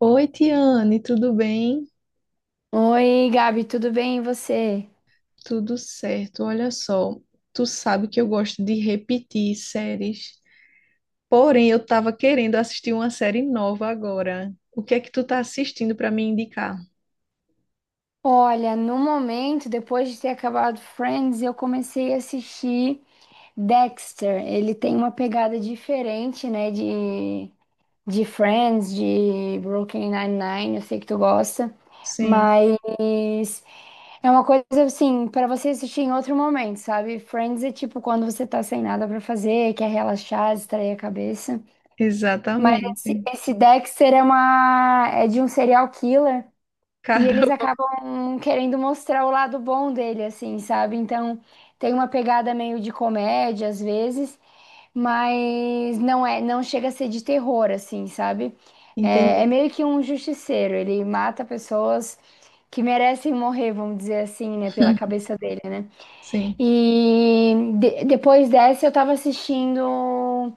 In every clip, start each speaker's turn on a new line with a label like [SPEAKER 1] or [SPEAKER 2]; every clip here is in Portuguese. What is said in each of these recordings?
[SPEAKER 1] Oi, Tiane, tudo bem?
[SPEAKER 2] Oi, Gabi, tudo bem? E você?
[SPEAKER 1] Tudo certo. Olha só, tu sabe que eu gosto de repetir séries. Porém, eu tava querendo assistir uma série nova agora. O que é que tu tá assistindo para me indicar?
[SPEAKER 2] Olha, no momento, depois de ter acabado Friends, eu comecei a assistir Dexter. Ele tem uma pegada diferente, né, de Friends, de Brooklyn Nine-Nine, eu sei que tu gosta,
[SPEAKER 1] Sim,
[SPEAKER 2] mas é uma coisa assim, para você assistir em outro momento, sabe? Friends é tipo quando você tá sem nada para fazer, quer relaxar, distrair a cabeça. Mas esse,
[SPEAKER 1] exatamente.
[SPEAKER 2] esse Dexter é uma é de um serial killer. E eles
[SPEAKER 1] Caramba,
[SPEAKER 2] acabam querendo mostrar o lado bom dele, assim, sabe? Então, tem uma pegada meio de comédia às vezes, mas não chega a ser de terror, assim, sabe? É, é
[SPEAKER 1] entendi.
[SPEAKER 2] meio que um justiceiro, ele mata pessoas que merecem morrer, vamos dizer assim, né, pela cabeça dele, né?
[SPEAKER 1] Sim.
[SPEAKER 2] E depois dessa eu tava assistindo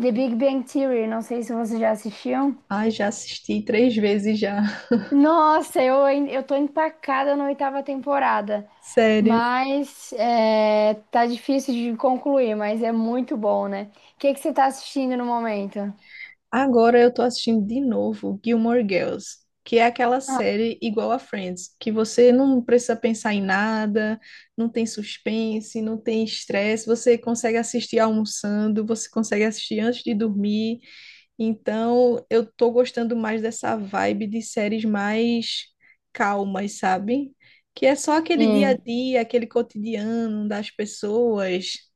[SPEAKER 2] The Big Bang Theory, não sei se vocês já assistiam.
[SPEAKER 1] Ai, já assisti três vezes já.
[SPEAKER 2] Nossa, eu tô empacada na oitava temporada,
[SPEAKER 1] Sério.
[SPEAKER 2] mas tá difícil de concluir, mas é muito bom, né? O que que você tá assistindo no momento?
[SPEAKER 1] Agora eu tô assistindo de novo Gilmore Girls, que é aquela
[SPEAKER 2] Ah,
[SPEAKER 1] série igual a Friends, que você não precisa pensar em nada, não tem suspense, não tem estresse, você consegue assistir almoçando, você consegue assistir antes de dormir. Então, eu tô gostando mais dessa vibe de séries mais calmas, sabe? Que é só aquele dia a
[SPEAKER 2] sim,
[SPEAKER 1] dia, aquele cotidiano das pessoas.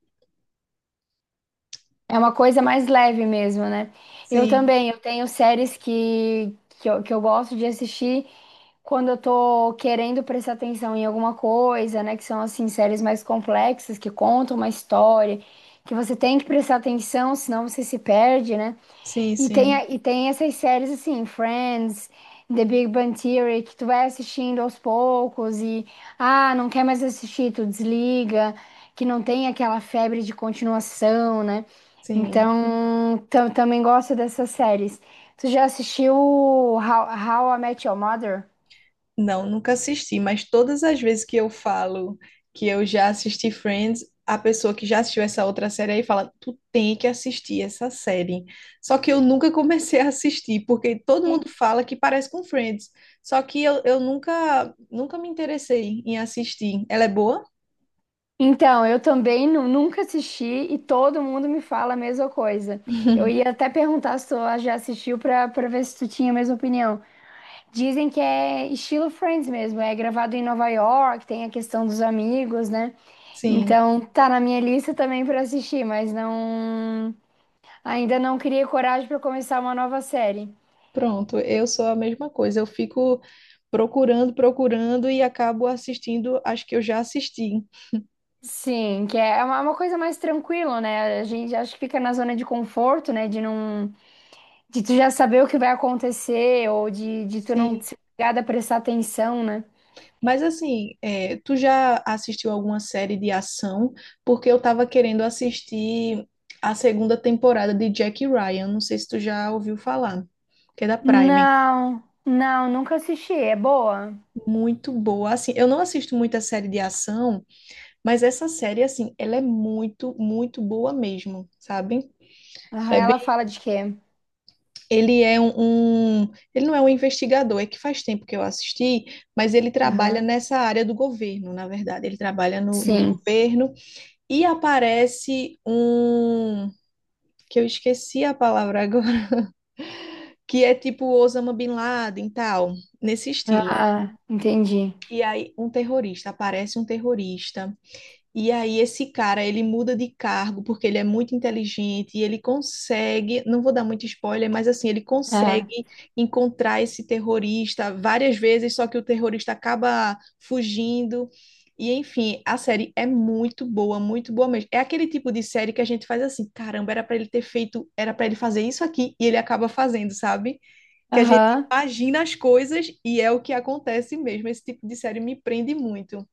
[SPEAKER 2] é uma coisa mais leve mesmo, né? Eu
[SPEAKER 1] Sim,
[SPEAKER 2] também, eu tenho séries que eu gosto de assistir quando eu tô querendo prestar atenção em alguma coisa, né? Que são, assim, séries mais complexas, que contam uma história, que você tem que prestar atenção, senão você se perde, né?
[SPEAKER 1] sim, sim,
[SPEAKER 2] E tem essas séries assim, Friends, The Big Bang Theory, que tu vai assistindo aos poucos e, ah, não quer mais assistir, tu desliga, que não tem aquela febre de continuação, né?
[SPEAKER 1] sim.
[SPEAKER 2] Então, também gosto dessas séries. Tu já assistiu How I Met Your Mother?
[SPEAKER 1] Não, nunca assisti, mas todas as vezes que eu falo que eu já assisti Friends, a pessoa que já assistiu essa outra série aí fala: Tu tem que assistir essa série. Só que eu nunca comecei a assistir, porque todo
[SPEAKER 2] E-
[SPEAKER 1] mundo fala que parece com Friends. Só que eu nunca, me interessei em assistir. Ela é boa?
[SPEAKER 2] Então, eu também nunca assisti e todo mundo me fala a mesma coisa. Eu ia até perguntar se tu já assistiu pra para ver se tu tinha a mesma opinião. Dizem que é estilo Friends mesmo, é gravado em Nova York, tem a questão dos amigos, né?
[SPEAKER 1] Sim,
[SPEAKER 2] Então tá na minha lista também pra assistir, mas ainda não criei coragem pra começar uma nova série.
[SPEAKER 1] pronto. Eu sou a mesma coisa. Eu fico procurando, procurando e acabo assistindo as que eu já assisti.
[SPEAKER 2] Sim, que é uma coisa mais tranquila, né? A gente acho que fica na zona de conforto, né? De não de tu já saber o que vai acontecer ou de tu não
[SPEAKER 1] Sim.
[SPEAKER 2] ser obrigada a prestar atenção, né?
[SPEAKER 1] Mas assim, é, tu já assistiu alguma série de ação? Porque eu tava querendo assistir a segunda temporada de Jack Ryan. Não sei se tu já ouviu falar, que é da Prime.
[SPEAKER 2] Não, não, nunca assisti. É boa.
[SPEAKER 1] Muito boa. Assim, eu não assisto muita série de ação, mas essa série, assim, ela é muito, muito boa mesmo, sabe?
[SPEAKER 2] Aham,
[SPEAKER 1] É
[SPEAKER 2] ela
[SPEAKER 1] bem,
[SPEAKER 2] fala de quê?
[SPEAKER 1] ele é um, um- Ele não é um investigador, é que faz tempo que eu assisti, mas ele trabalha
[SPEAKER 2] Aham.
[SPEAKER 1] nessa área do governo, na verdade. Ele trabalha no
[SPEAKER 2] Sim.
[SPEAKER 1] governo. E aparece um que eu esqueci a palavra agora, que é tipo Osama Bin Laden e tal, nesse estilo.
[SPEAKER 2] Ah, entendi.
[SPEAKER 1] E aí, aparece um terrorista. E aí esse cara, ele muda de cargo porque ele é muito inteligente e ele consegue, não vou dar muito spoiler, mas assim, ele
[SPEAKER 2] Ah,
[SPEAKER 1] consegue encontrar esse terrorista várias vezes, só que o terrorista acaba fugindo. E enfim, a série é muito boa mesmo. É aquele tipo de série que a gente faz assim, caramba, era pra ele ter feito, era pra ele fazer isso aqui e ele acaba fazendo, sabe? Que a gente
[SPEAKER 2] aham.
[SPEAKER 1] imagina as coisas e é o que acontece mesmo. Esse tipo de série me prende muito.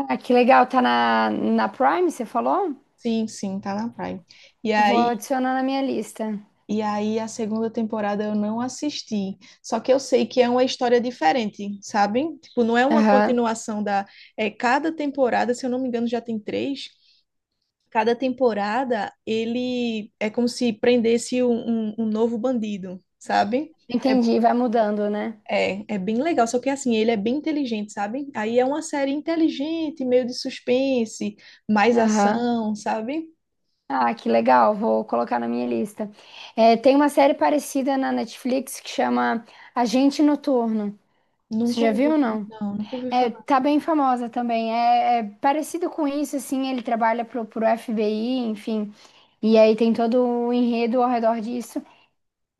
[SPEAKER 2] Ah, que legal, tá na Prime, você falou?
[SPEAKER 1] Sim, sim, tá na Prime. E
[SPEAKER 2] Vou
[SPEAKER 1] aí,
[SPEAKER 2] adicionar na minha lista.
[SPEAKER 1] e aí, a segunda temporada eu não assisti. Só que eu sei que é uma história diferente, sabe? Tipo, não é uma
[SPEAKER 2] Aham.
[SPEAKER 1] continuação da. É, cada temporada, se eu não me engano, já tem três. Cada temporada ele é como se prendesse um novo bandido, sabe? É,
[SPEAKER 2] Entendi, vai mudando, né?
[SPEAKER 1] é, bem legal, só que assim, ele é bem inteligente, sabe? Aí é uma série inteligente, meio de suspense, mais
[SPEAKER 2] Aham.
[SPEAKER 1] ação, sabe?
[SPEAKER 2] Ah, que legal, vou colocar na minha lista. É, tem uma série parecida na Netflix que chama Agente Noturno. Você
[SPEAKER 1] Nunca
[SPEAKER 2] já viu ou
[SPEAKER 1] ouvi,
[SPEAKER 2] não?
[SPEAKER 1] não, nunca ouvi.
[SPEAKER 2] É, tá bem famosa também. É, é parecido com isso, assim, ele trabalha pro FBI, enfim. E aí tem todo o enredo ao redor disso.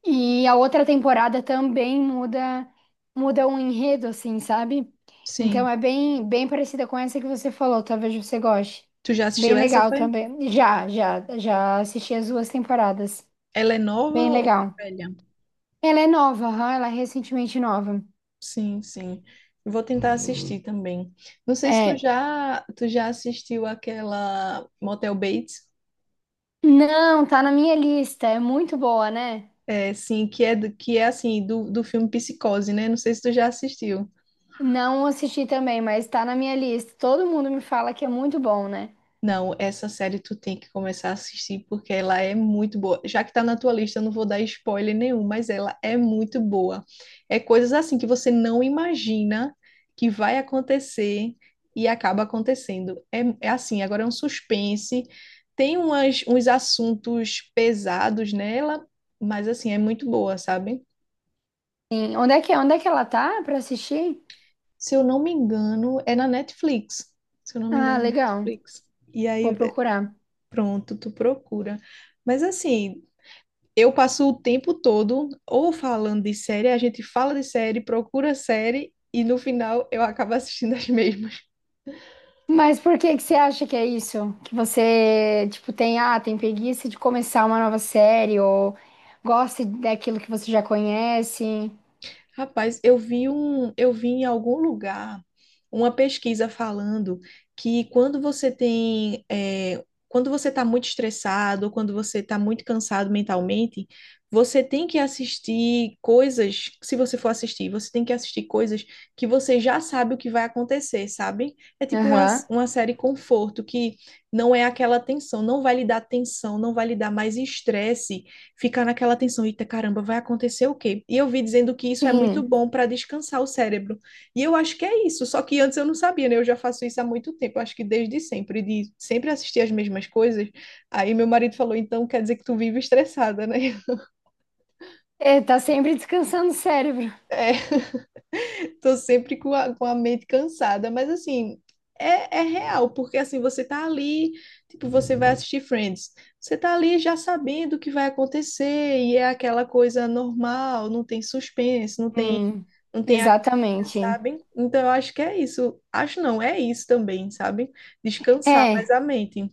[SPEAKER 2] E a outra temporada também muda o enredo, assim, sabe? Então
[SPEAKER 1] Sim.
[SPEAKER 2] é bem parecida com essa que você falou, talvez você goste.
[SPEAKER 1] Tu já
[SPEAKER 2] Bem
[SPEAKER 1] assistiu essa,
[SPEAKER 2] legal
[SPEAKER 1] foi?
[SPEAKER 2] também. Já assisti as duas temporadas.
[SPEAKER 1] Ela é nova
[SPEAKER 2] Bem
[SPEAKER 1] ou
[SPEAKER 2] legal.
[SPEAKER 1] é velha?
[SPEAKER 2] Ela é nova, aham, ela é recentemente nova.
[SPEAKER 1] Sim, sim. Eu vou tentar assistir também. Não sei se tu
[SPEAKER 2] É.
[SPEAKER 1] já, tu já assistiu aquela Motel Bates,
[SPEAKER 2] Não, tá na minha lista. É muito boa, né?
[SPEAKER 1] é, sim, que é, do, que é assim, do filme Psicose, né? Não sei se tu já assistiu.
[SPEAKER 2] Não assisti também, mas tá na minha lista. Todo mundo me fala que é muito bom, né?
[SPEAKER 1] Não, essa série tu tem que começar a assistir porque ela é muito boa. Já que tá na tua lista, eu não vou dar spoiler nenhum, mas ela é muito boa. É coisas assim que você não imagina que vai acontecer e acaba acontecendo. É, assim, agora é um suspense, tem uns assuntos pesados nela, mas assim, é muito boa, sabe?
[SPEAKER 2] Sim. Onde é que ela tá pra assistir?
[SPEAKER 1] Se eu não me engano, é na Netflix. Se eu não me engano,
[SPEAKER 2] Ah,
[SPEAKER 1] é na
[SPEAKER 2] legal.
[SPEAKER 1] Netflix. E
[SPEAKER 2] Vou
[SPEAKER 1] aí,
[SPEAKER 2] procurar.
[SPEAKER 1] pronto, tu procura. Mas assim, eu passo o tempo todo ou falando de série, a gente fala de série, procura série e no final eu acabo assistindo as mesmas.
[SPEAKER 2] Mas por que que você acha que é isso? Que você, tipo, tem preguiça de começar uma nova série ou gosta daquilo que você já conhece?
[SPEAKER 1] Rapaz, eu vi em algum lugar uma pesquisa falando que quando você tem, quando você está muito estressado, quando você está muito cansado mentalmente, você tem que assistir coisas, se você for assistir, você tem que assistir coisas que você já sabe o que vai acontecer, sabe? É tipo uma,
[SPEAKER 2] Aham.
[SPEAKER 1] uma série conforto, que não é aquela tensão, não vai lhe dar tensão, não vai lhe dar mais estresse ficar naquela tensão, eita caramba, vai acontecer o quê? E eu vi dizendo que isso é muito
[SPEAKER 2] Sim.
[SPEAKER 1] bom para descansar o cérebro. E eu acho que é isso, só que antes eu não sabia, né? Eu já faço isso há muito tempo, eu acho que desde sempre, de sempre assistir as mesmas coisas. Aí meu marido falou, então quer dizer que tu vive estressada, né?
[SPEAKER 2] É, tá sempre descansando o cérebro.
[SPEAKER 1] É. Tô sempre com a mente cansada, mas assim, é, é real, porque assim, você tá ali, tipo, você vai assistir Friends, você tá ali já sabendo o que vai acontecer, e é aquela coisa normal, não tem suspense, não tem,
[SPEAKER 2] Hum,
[SPEAKER 1] não tem agonia,
[SPEAKER 2] exatamente.
[SPEAKER 1] sabe? Então eu acho que é isso. Acho não, é isso também, sabe? Descansar mais
[SPEAKER 2] É,
[SPEAKER 1] a mente.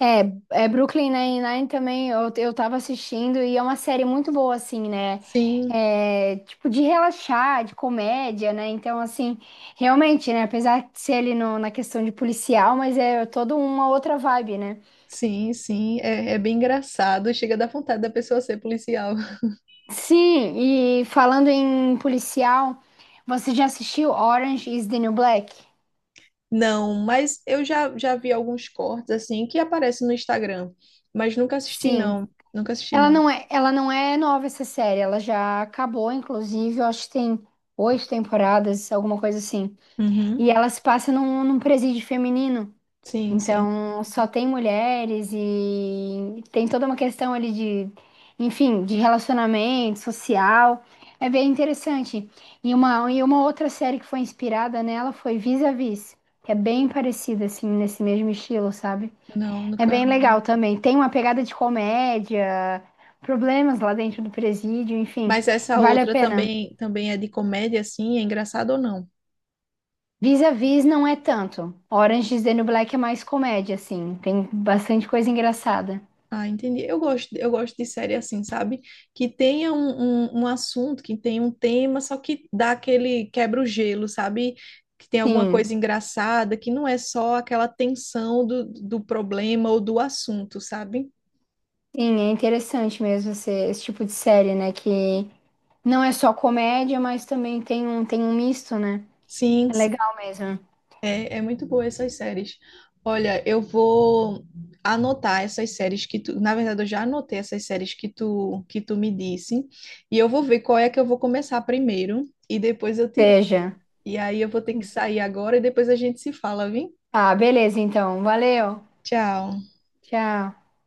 [SPEAKER 2] É, é Brooklyn Nine-Nine também eu tava assistindo e é uma série muito boa, assim, né?
[SPEAKER 1] Sim,
[SPEAKER 2] É, tipo, de relaxar, de comédia, né? Então, assim, realmente, né? Apesar de ser ali na questão de policial, mas é toda uma outra vibe, né?
[SPEAKER 1] sim, sim, é, é bem engraçado, chega a dar vontade da pessoa ser policial.
[SPEAKER 2] Sim, e falando em policial, você já assistiu Orange is the New Black?
[SPEAKER 1] Não, mas eu já, já vi alguns cortes assim que aparecem no Instagram, mas nunca assisti
[SPEAKER 2] Sim.
[SPEAKER 1] não, nunca assisti não.
[SPEAKER 2] Ela não é nova essa série, ela já acabou, inclusive, eu acho que tem oito temporadas, alguma coisa assim.
[SPEAKER 1] Uhum.
[SPEAKER 2] E ela se passa num presídio feminino.
[SPEAKER 1] Sim, sim.
[SPEAKER 2] Então, só tem mulheres e tem toda uma questão ali de, enfim, de relacionamento social. É bem interessante. E uma outra série que foi inspirada nela foi Vis-a-Vis, que é bem parecida, assim, nesse mesmo estilo, sabe?
[SPEAKER 1] Não,
[SPEAKER 2] É bem
[SPEAKER 1] nunca.
[SPEAKER 2] legal também. Tem uma pegada de comédia, problemas lá dentro do presídio, enfim,
[SPEAKER 1] Mas essa
[SPEAKER 2] vale a
[SPEAKER 1] outra
[SPEAKER 2] pena.
[SPEAKER 1] também é de comédia assim, é engraçado ou não?
[SPEAKER 2] Vis-a-vis não é tanto. Orange is the New Black é mais comédia, assim. Tem bastante coisa engraçada.
[SPEAKER 1] Ah, entendi. Eu gosto de série assim, sabe? Que tenha um assunto, que tenha um tema, só que dá aquele quebra o gelo, sabe? Que tem alguma coisa
[SPEAKER 2] Sim,
[SPEAKER 1] engraçada, que não é só aquela tensão do problema ou do assunto, sabe?
[SPEAKER 2] sim, é interessante mesmo esse tipo de série, né? Que não é só comédia, mas também tem tem um misto, né?
[SPEAKER 1] Sim,
[SPEAKER 2] É
[SPEAKER 1] sim.
[SPEAKER 2] legal mesmo.
[SPEAKER 1] É, é muito boa essas séries. Olha, eu vou anotar essas séries que tu, na verdade eu já anotei essas séries que tu me disse, e eu vou ver qual é que eu vou começar primeiro e depois eu te
[SPEAKER 2] Veja.
[SPEAKER 1] e aí eu vou ter que sair agora e depois a gente se fala, viu?
[SPEAKER 2] Ah, beleza, então. Valeu.
[SPEAKER 1] Tchau.
[SPEAKER 2] Tchau.